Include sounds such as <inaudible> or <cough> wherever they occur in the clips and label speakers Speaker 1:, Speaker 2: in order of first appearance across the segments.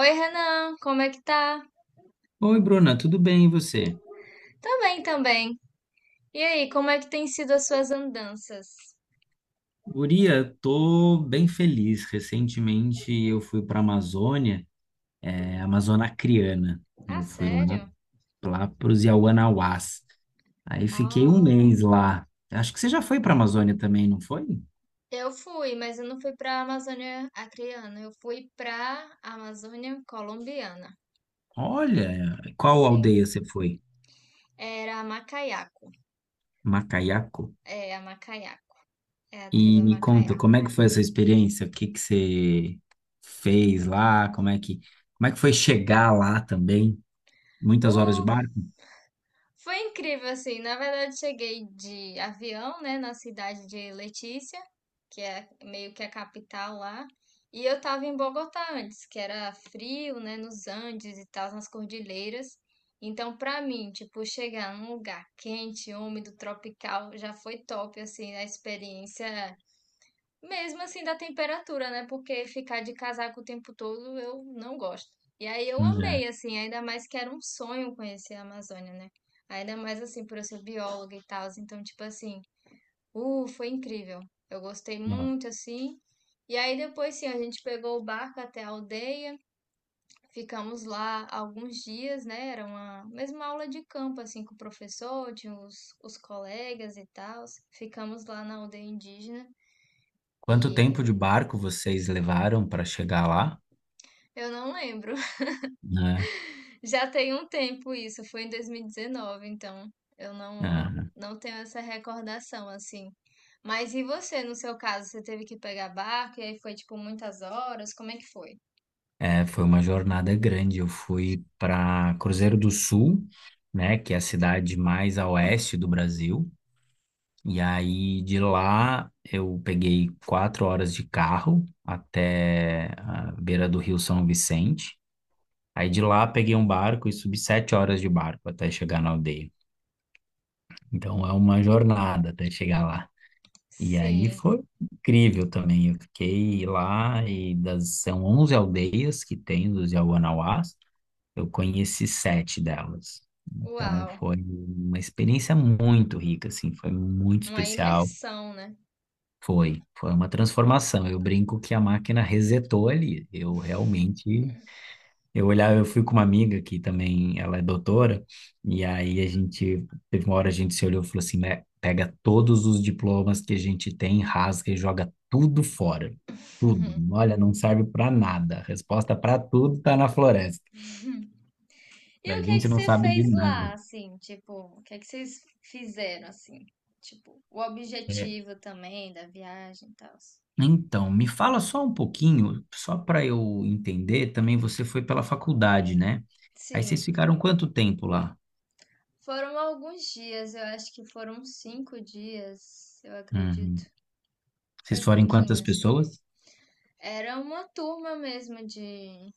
Speaker 1: Oi, Renan, como é que tá?
Speaker 2: Oi, Bruna, tudo bem e você?
Speaker 1: Também, também. E aí, como é que tem sido as suas andanças?
Speaker 2: Guria, tô bem feliz. Recentemente eu fui para a Amazônia, Amazônia Acreana.
Speaker 1: Ah,
Speaker 2: Eu fui lá,
Speaker 1: sério?
Speaker 2: para os Yawanawás. Aí fiquei um
Speaker 1: Oh,
Speaker 2: mês lá. Acho que você já foi para a Amazônia também, não foi?
Speaker 1: eu fui, mas eu não fui pra Amazônia Acreana, eu fui pra Amazônia Colombiana.
Speaker 2: Olha, qual
Speaker 1: Sim,
Speaker 2: aldeia você foi?
Speaker 1: era Macayaco.
Speaker 2: Macaiaco?
Speaker 1: É, a Macayaco. É a tribo
Speaker 2: E me conta,
Speaker 1: Macayaco.
Speaker 2: como é que foi essa experiência? O que que você fez lá? Como é que foi chegar lá também? Muitas horas de
Speaker 1: O
Speaker 2: barco?
Speaker 1: Foi incrível, assim. Na verdade, cheguei de avião, né, na cidade de Letícia, que é meio que a capital lá. E eu tava em Bogotá antes, que era frio, né, nos Andes e tal, nas cordilheiras. Então, pra mim, tipo, chegar num lugar quente, úmido, tropical, já foi top, assim, a experiência mesmo assim da temperatura, né? Porque ficar de casaco o tempo todo eu não gosto. E aí eu
Speaker 2: Hum.
Speaker 1: amei, assim, ainda mais que era um sonho conhecer a Amazônia, né? Ainda mais assim, por eu ser bióloga e tal. Então, tipo assim, foi incrível. Eu gostei
Speaker 2: É.
Speaker 1: muito, assim. E aí depois, sim, a gente pegou o barco até a aldeia, ficamos lá alguns dias, né? Era uma mesma aula de campo, assim, com o professor, tinha os colegas e tal. Ficamos lá na aldeia indígena
Speaker 2: Quanto
Speaker 1: e
Speaker 2: tempo de barco vocês levaram para chegar lá,
Speaker 1: eu não lembro.
Speaker 2: né?
Speaker 1: Já tem um tempo isso, foi em 2019, então eu não tenho essa recordação assim. Mas e você, no seu caso, você teve que pegar barco e aí foi tipo muitas horas? Como é que foi?
Speaker 2: É, foi uma jornada grande. Eu fui para Cruzeiro do Sul, né, que é a cidade mais a oeste do Brasil. E aí de lá eu peguei 4 horas de carro até a beira do Rio São Vicente. Aí de lá peguei um barco e subi 7 horas de barco até chegar na aldeia. Então é uma jornada até chegar lá. E aí
Speaker 1: Sim,
Speaker 2: foi incrível também. Eu fiquei lá são 11 aldeias que tem dos Yawanawás. Eu conheci sete delas. Então
Speaker 1: uau,
Speaker 2: foi uma experiência muito rica, assim, foi muito
Speaker 1: uma
Speaker 2: especial.
Speaker 1: imersão, né?
Speaker 2: Foi uma transformação. Eu brinco que a máquina resetou ali. Eu realmente eu olhava, eu fui com uma amiga que também, ela é doutora, e aí teve uma hora a gente se olhou e falou assim, "Né, pega todos os diplomas que a gente tem, rasga e joga tudo fora. Tudo. Olha, não serve para nada. A resposta para tudo tá na floresta.
Speaker 1: E
Speaker 2: A
Speaker 1: o que é que
Speaker 2: gente não
Speaker 1: você
Speaker 2: sabe de
Speaker 1: fez lá,
Speaker 2: nada."
Speaker 1: assim, tipo, o que é que vocês fizeram assim? Tipo, o
Speaker 2: É,
Speaker 1: objetivo também da viagem e tal.
Speaker 2: Então, me fala só um pouquinho, só para eu entender, também você foi pela faculdade, né? Aí vocês
Speaker 1: Sim,
Speaker 2: ficaram quanto tempo lá?
Speaker 1: foram alguns dias, eu acho que foram 5 dias, eu acredito.
Speaker 2: Uhum.
Speaker 1: Foi
Speaker 2: Vocês foram em quantas
Speaker 1: pouquinho, assim.
Speaker 2: pessoas
Speaker 1: Era uma turma mesmo de.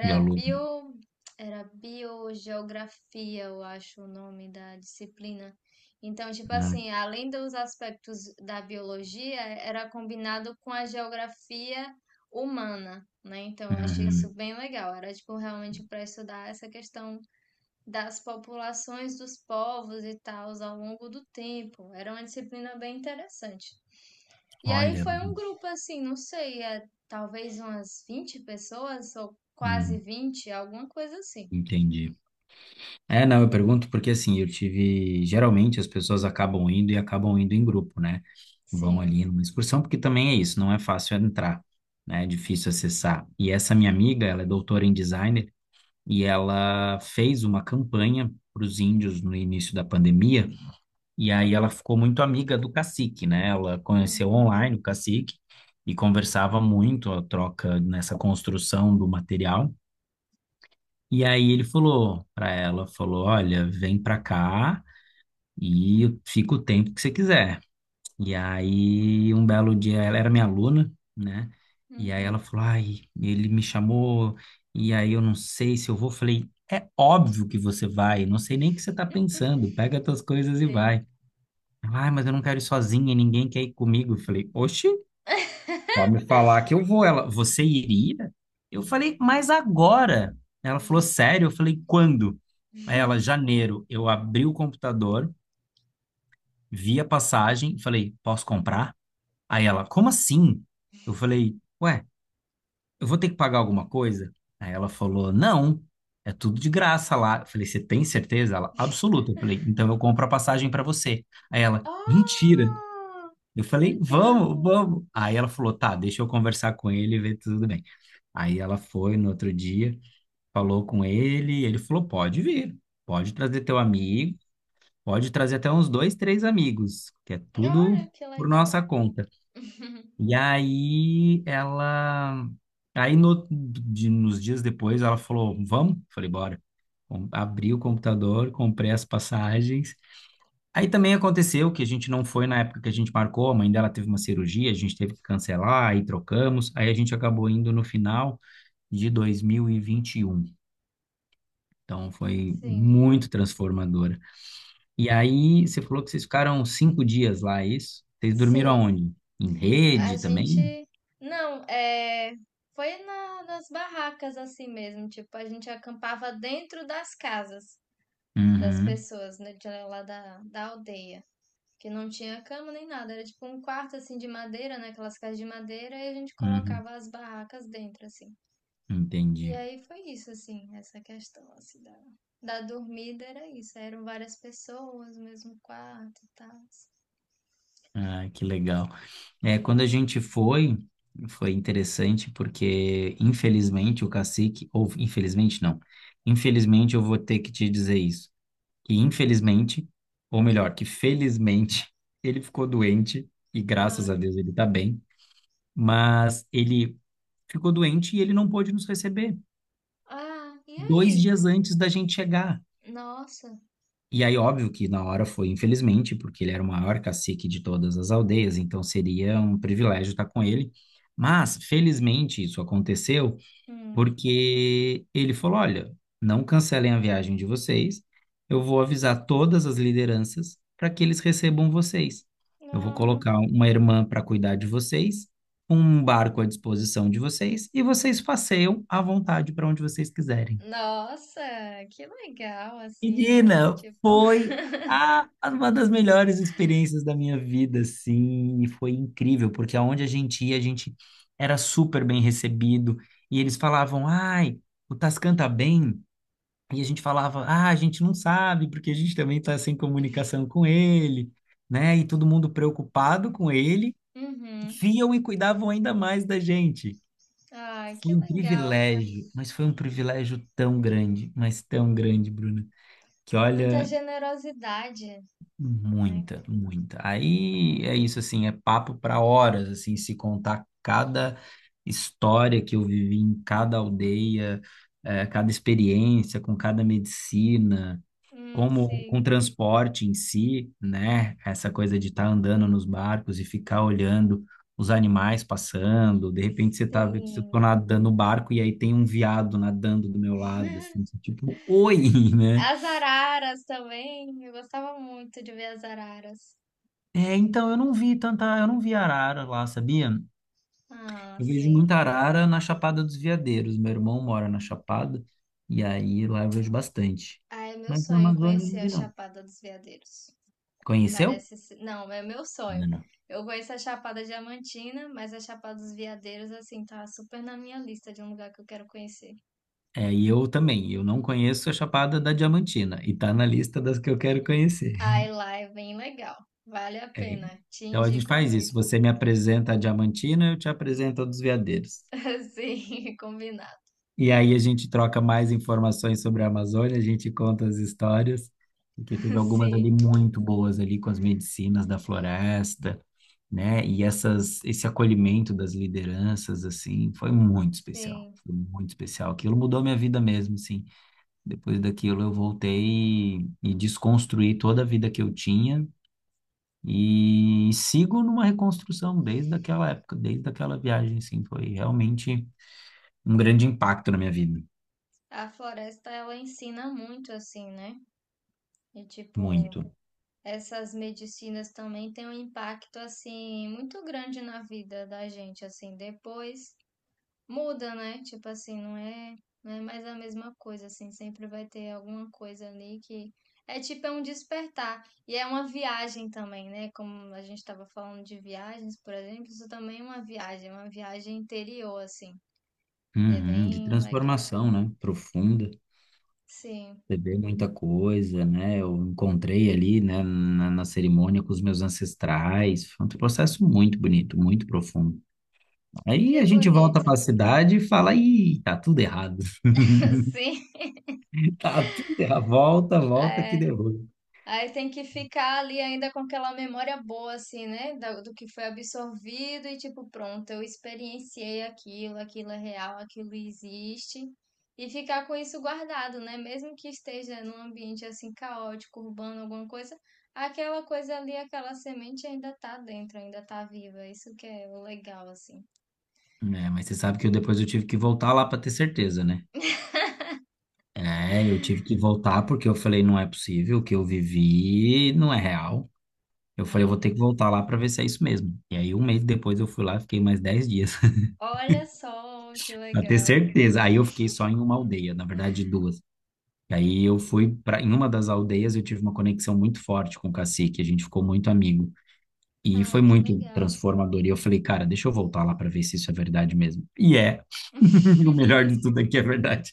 Speaker 2: de aluno?
Speaker 1: bio. Era biogeografia, eu acho o nome da disciplina. Então, tipo assim, além dos aspectos da biologia, era combinado com a geografia humana, né? Então, eu achei isso
Speaker 2: Uhum.
Speaker 1: bem legal. Era, tipo, realmente para estudar essa questão das populações dos povos e tal ao longo do tempo. Era uma disciplina bem interessante. E aí
Speaker 2: Olha,
Speaker 1: foi um grupo assim, não sei, é, talvez umas 20 pessoas ou quase
Speaker 2: hum,
Speaker 1: vinte alguma coisa assim.
Speaker 2: entendi. É, não, eu pergunto porque assim, eu tive. Geralmente as pessoas acabam indo e acabam indo em grupo, né? Vão
Speaker 1: Sim.
Speaker 2: ali numa excursão, porque também é isso, não é fácil entrar, né? É difícil acessar. E essa minha amiga, ela é doutora em designer e ela fez uma campanha para os índios no início da pandemia, e aí ela ficou muito amiga do cacique, né? Ela conheceu
Speaker 1: Uhum.
Speaker 2: online o cacique e conversava muito a troca nessa construção do material. E aí ele falou para ela, falou, olha, vem para cá e fica o tempo que você quiser. E aí um belo dia ela era minha aluna, né? E aí ela
Speaker 1: Uhum.
Speaker 2: falou, ai, ele me chamou e aí eu não sei se eu vou. Falei, é óbvio que você vai, não sei nem o que você tá pensando, pega as tuas coisas e
Speaker 1: Sim.
Speaker 2: vai. Ela, ai, mas eu não quero ir sozinha, ninguém quer ir comigo. Eu falei, oxi. Só me falar que eu vou. Ela, você iria? Eu falei, mas agora? Ela falou, sério? Eu falei, quando? Aí ela,
Speaker 1: <laughs>
Speaker 2: janeiro. Eu abri o computador, vi a passagem, falei, posso comprar? Aí ela, como assim? Eu falei, ué, eu vou ter que pagar alguma coisa? Aí ela falou, não, é tudo de graça lá. Eu falei, você tem certeza? Ela, absoluta. Eu falei, então eu compro a passagem para você. Aí ela,
Speaker 1: Ah,
Speaker 2: mentira. Eu falei, vamos, vamos. Aí ela falou, tá, deixa eu conversar com ele e ver tudo bem. Aí ela foi no outro dia, falou com ele, ele falou: pode vir, pode trazer teu amigo, pode trazer até uns dois, três amigos, que é tudo
Speaker 1: olha que
Speaker 2: por
Speaker 1: legal.
Speaker 2: nossa conta.
Speaker 1: <laughs>
Speaker 2: E aí ela. Aí no, de- nos dias depois ela falou: vamos? Falei: bora. Abri o computador, comprei as passagens. Aí também aconteceu que a gente não foi na época que a gente marcou, a mãe dela teve uma cirurgia, a gente teve que cancelar, aí trocamos, aí a gente acabou indo no final de 2021. Então foi
Speaker 1: Sim.
Speaker 2: muito transformadora. E aí, você falou que vocês ficaram 5 dias lá, é isso? Vocês dormiram
Speaker 1: Sim.
Speaker 2: aonde? Em
Speaker 1: A
Speaker 2: rede também?
Speaker 1: gente não, é foi nas barracas assim mesmo, tipo, a gente acampava dentro das casas. Das
Speaker 2: Uhum,
Speaker 1: pessoas, né, de lá da, da aldeia. Que não tinha cama nem nada, era tipo um quarto assim de madeira, né? Aquelas casas de madeira, e a gente
Speaker 2: uhum,
Speaker 1: colocava as barracas dentro, assim. E
Speaker 2: entendi.
Speaker 1: aí foi isso, assim, essa questão, assim, da dormida era isso. Eram várias pessoas, no mesmo quarto e tal.
Speaker 2: Ah, que legal. É, quando a gente foi, foi interessante porque, infelizmente, o cacique, ou infelizmente não, infelizmente eu vou ter que te dizer isso, que infelizmente, ou melhor, que felizmente, <laughs> ele ficou doente e graças
Speaker 1: Ah,
Speaker 2: a Deus ele tá bem, mas ele ficou doente e ele não pôde nos receber
Speaker 1: ah, e
Speaker 2: dois
Speaker 1: aí?
Speaker 2: dias antes da gente chegar.
Speaker 1: Nossa,
Speaker 2: E aí, óbvio que na hora foi, infelizmente, porque ele era o maior cacique de todas as aldeias, então seria um privilégio estar com ele. Mas, felizmente, isso aconteceu
Speaker 1: hum,
Speaker 2: porque ele falou: olha, não cancelem a viagem de vocês, eu vou avisar todas as lideranças para que eles recebam vocês. Eu vou
Speaker 1: ah,
Speaker 2: colocar uma irmã para cuidar de vocês, um barco à disposição de vocês, e vocês passeiam à vontade para onde vocês quiserem.
Speaker 1: nossa, que legal, assim, né?
Speaker 2: Menina,
Speaker 1: Tipo, <laughs>
Speaker 2: foi uma das melhores experiências da minha vida, assim, e foi incrível, porque aonde a gente ia, a gente era super bem recebido, e eles falavam, ai, o Tascan tá bem? E a gente falava, ah, a gente não sabe, porque a gente também está sem comunicação com ele, né? E todo mundo preocupado com ele,
Speaker 1: uhum,
Speaker 2: viam e cuidavam ainda mais da gente.
Speaker 1: ai,
Speaker 2: Foi
Speaker 1: que
Speaker 2: um
Speaker 1: legal.
Speaker 2: privilégio, mas foi um privilégio tão grande, mas tão grande, Bruna, que
Speaker 1: Muita
Speaker 2: olha,
Speaker 1: generosidade, né?
Speaker 2: muita, muita. Aí é isso, assim, é papo para horas, assim, se contar cada história que eu vivi em cada aldeia, cada experiência com cada medicina. Como com o
Speaker 1: Sim,
Speaker 2: transporte em si, né? Essa coisa de estar andando nos barcos e ficar olhando os animais passando, de repente você tá
Speaker 1: sim.
Speaker 2: nadando no barco e aí tem um viado nadando do meu lado, assim, você, tipo, oi, <laughs> né?
Speaker 1: As araras também, eu gostava muito de ver as araras.
Speaker 2: É, então eu não vi tanta, eu não vi arara lá, sabia?
Speaker 1: Ah,
Speaker 2: Eu vejo
Speaker 1: sim.
Speaker 2: muita arara na Chapada dos Veadeiros. Meu irmão mora na Chapada e aí lá eu vejo bastante.
Speaker 1: Ah, é meu
Speaker 2: Mas na
Speaker 1: sonho
Speaker 2: Amazônia eu
Speaker 1: conhecer
Speaker 2: não
Speaker 1: a
Speaker 2: vi, não.
Speaker 1: Chapada dos Veadeiros.
Speaker 2: Conheceu?
Speaker 1: Parece ser... Não, é meu sonho.
Speaker 2: Não.
Speaker 1: Eu conheço a Chapada Diamantina, mas a Chapada dos Veadeiros, assim, tá super na minha lista de um lugar que eu quero conhecer.
Speaker 2: É, e eu também, eu não conheço a Chapada da Diamantina, e tá na lista das que eu quero conhecer.
Speaker 1: Ai,
Speaker 2: <laughs>
Speaker 1: lá é bem legal. Vale a
Speaker 2: É,
Speaker 1: pena. Te
Speaker 2: então a gente
Speaker 1: indico
Speaker 2: faz isso,
Speaker 1: muito.
Speaker 2: você me apresenta a Diamantina, eu te apresento a dos Veadeiros.
Speaker 1: <laughs> Sim, combinado.
Speaker 2: E aí a gente troca mais informações sobre a Amazônia, a gente conta as histórias, porque teve algumas ali
Speaker 1: Sim,
Speaker 2: muito boas ali com as medicinas da floresta, né? E essas, esse acolhimento das lideranças, assim, foi muito especial,
Speaker 1: sim.
Speaker 2: foi muito especial. Aquilo mudou minha vida mesmo, sim. Depois daquilo, eu voltei e desconstruí toda a vida que eu tinha e sigo numa reconstrução desde aquela época, desde aquela viagem, assim, foi realmente um grande impacto na minha vida,
Speaker 1: A floresta, ela ensina muito, assim, né? E, tipo,
Speaker 2: muito.
Speaker 1: essas medicinas também têm um impacto, assim, muito grande na vida da gente, assim. Depois muda, né? Tipo assim, não é, não é mais a mesma coisa, assim. Sempre vai ter alguma coisa ali que... É tipo, é um despertar. E é uma viagem também, né? Como a gente estava falando de viagens, por exemplo, isso também é uma viagem interior, assim. E é
Speaker 2: Uhum, de
Speaker 1: bem legal.
Speaker 2: transformação, né? Profunda,
Speaker 1: Sim,
Speaker 2: beber muita coisa, né? Eu encontrei ali, né, na, na cerimônia com os meus ancestrais. Foi um processo muito bonito, muito profundo. Aí
Speaker 1: que
Speaker 2: a gente volta
Speaker 1: bonito.
Speaker 2: para a cidade e fala, ih, tá tudo errado.
Speaker 1: <laughs>
Speaker 2: <laughs>
Speaker 1: Sim.
Speaker 2: Tá tudo errado. Volta, volta que derruba.
Speaker 1: Aí tem que ficar ali ainda com aquela memória boa, assim, né? Do, que foi absorvido e tipo, pronto, eu experienciei aquilo, aquilo é real, aquilo existe. E ficar com isso guardado, né? Mesmo que esteja num ambiente assim caótico, urbano, alguma coisa, aquela coisa ali, aquela semente ainda tá dentro, ainda tá viva. Isso que é o legal, assim.
Speaker 2: É, mas você sabe que eu depois eu tive que voltar lá para ter certeza, né? É, eu tive que voltar porque eu falei, não é possível, o que eu vivi não é real. Eu falei, eu vou
Speaker 1: Hum.
Speaker 2: ter que voltar lá para ver se é isso mesmo. E aí, um mês depois, eu fui lá, fiquei mais 10 dias <laughs>
Speaker 1: Olha só que
Speaker 2: para ter
Speaker 1: legal.
Speaker 2: certeza. Aí eu fiquei só em uma aldeia, na verdade, duas. E aí eu fui para em uma das aldeias, eu tive uma conexão muito forte com o cacique, a gente ficou muito amigo. E foi
Speaker 1: Ai, que
Speaker 2: muito
Speaker 1: legal.
Speaker 2: transformador. E eu falei, cara, deixa eu voltar lá para ver se isso é verdade mesmo. E é. <laughs> O melhor
Speaker 1: <laughs>
Speaker 2: de tudo é que é verdade.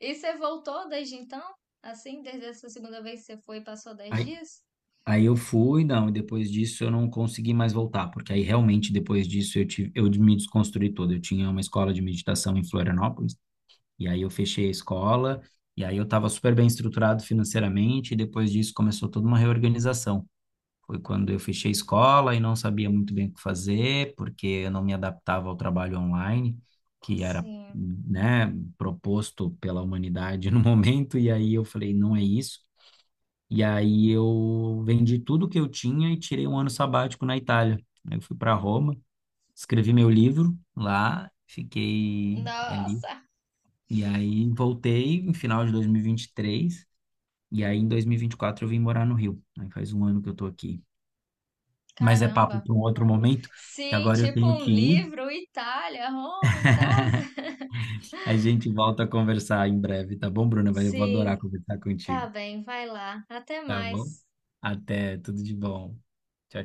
Speaker 1: E você voltou desde então? Assim, desde essa segunda vez que você foi, e passou dez
Speaker 2: Aí,
Speaker 1: dias?
Speaker 2: aí, eu fui, não, e depois disso eu não consegui mais voltar, porque aí realmente depois disso eu tive, eu me desconstruí todo. Eu tinha uma escola de meditação em Florianópolis, e aí eu fechei a escola, e aí eu estava super bem estruturado financeiramente, e depois disso começou toda uma reorganização. Foi quando eu fechei a escola e não sabia muito bem o que fazer, porque eu não me adaptava ao trabalho online, que era,
Speaker 1: Sim.
Speaker 2: né, proposto pela humanidade no <laughs> momento, e aí eu falei, não é isso. E aí eu vendi tudo que eu tinha e tirei um ano sabático na Itália. Aí eu fui para Roma, escrevi meu livro lá, fiquei ali.
Speaker 1: Nossa,
Speaker 2: E aí voltei no final de 2023, e vinte e três, e aí em 2024 eu vim morar no Rio. Aí faz um ano que eu tô aqui. Mas é papo
Speaker 1: caramba.
Speaker 2: para um outro momento, que
Speaker 1: Sim,
Speaker 2: agora eu
Speaker 1: tipo
Speaker 2: tenho
Speaker 1: um
Speaker 2: que ir.
Speaker 1: livro, Itália, Roma e tal.
Speaker 2: A gente volta a conversar em breve, tá bom, Bruna? Mas eu vou adorar
Speaker 1: Sim.
Speaker 2: conversar
Speaker 1: Tá
Speaker 2: contigo,
Speaker 1: bem, vai lá. Até
Speaker 2: tá bom?
Speaker 1: mais.
Speaker 2: Até, tudo de bom. Tchau, tchau.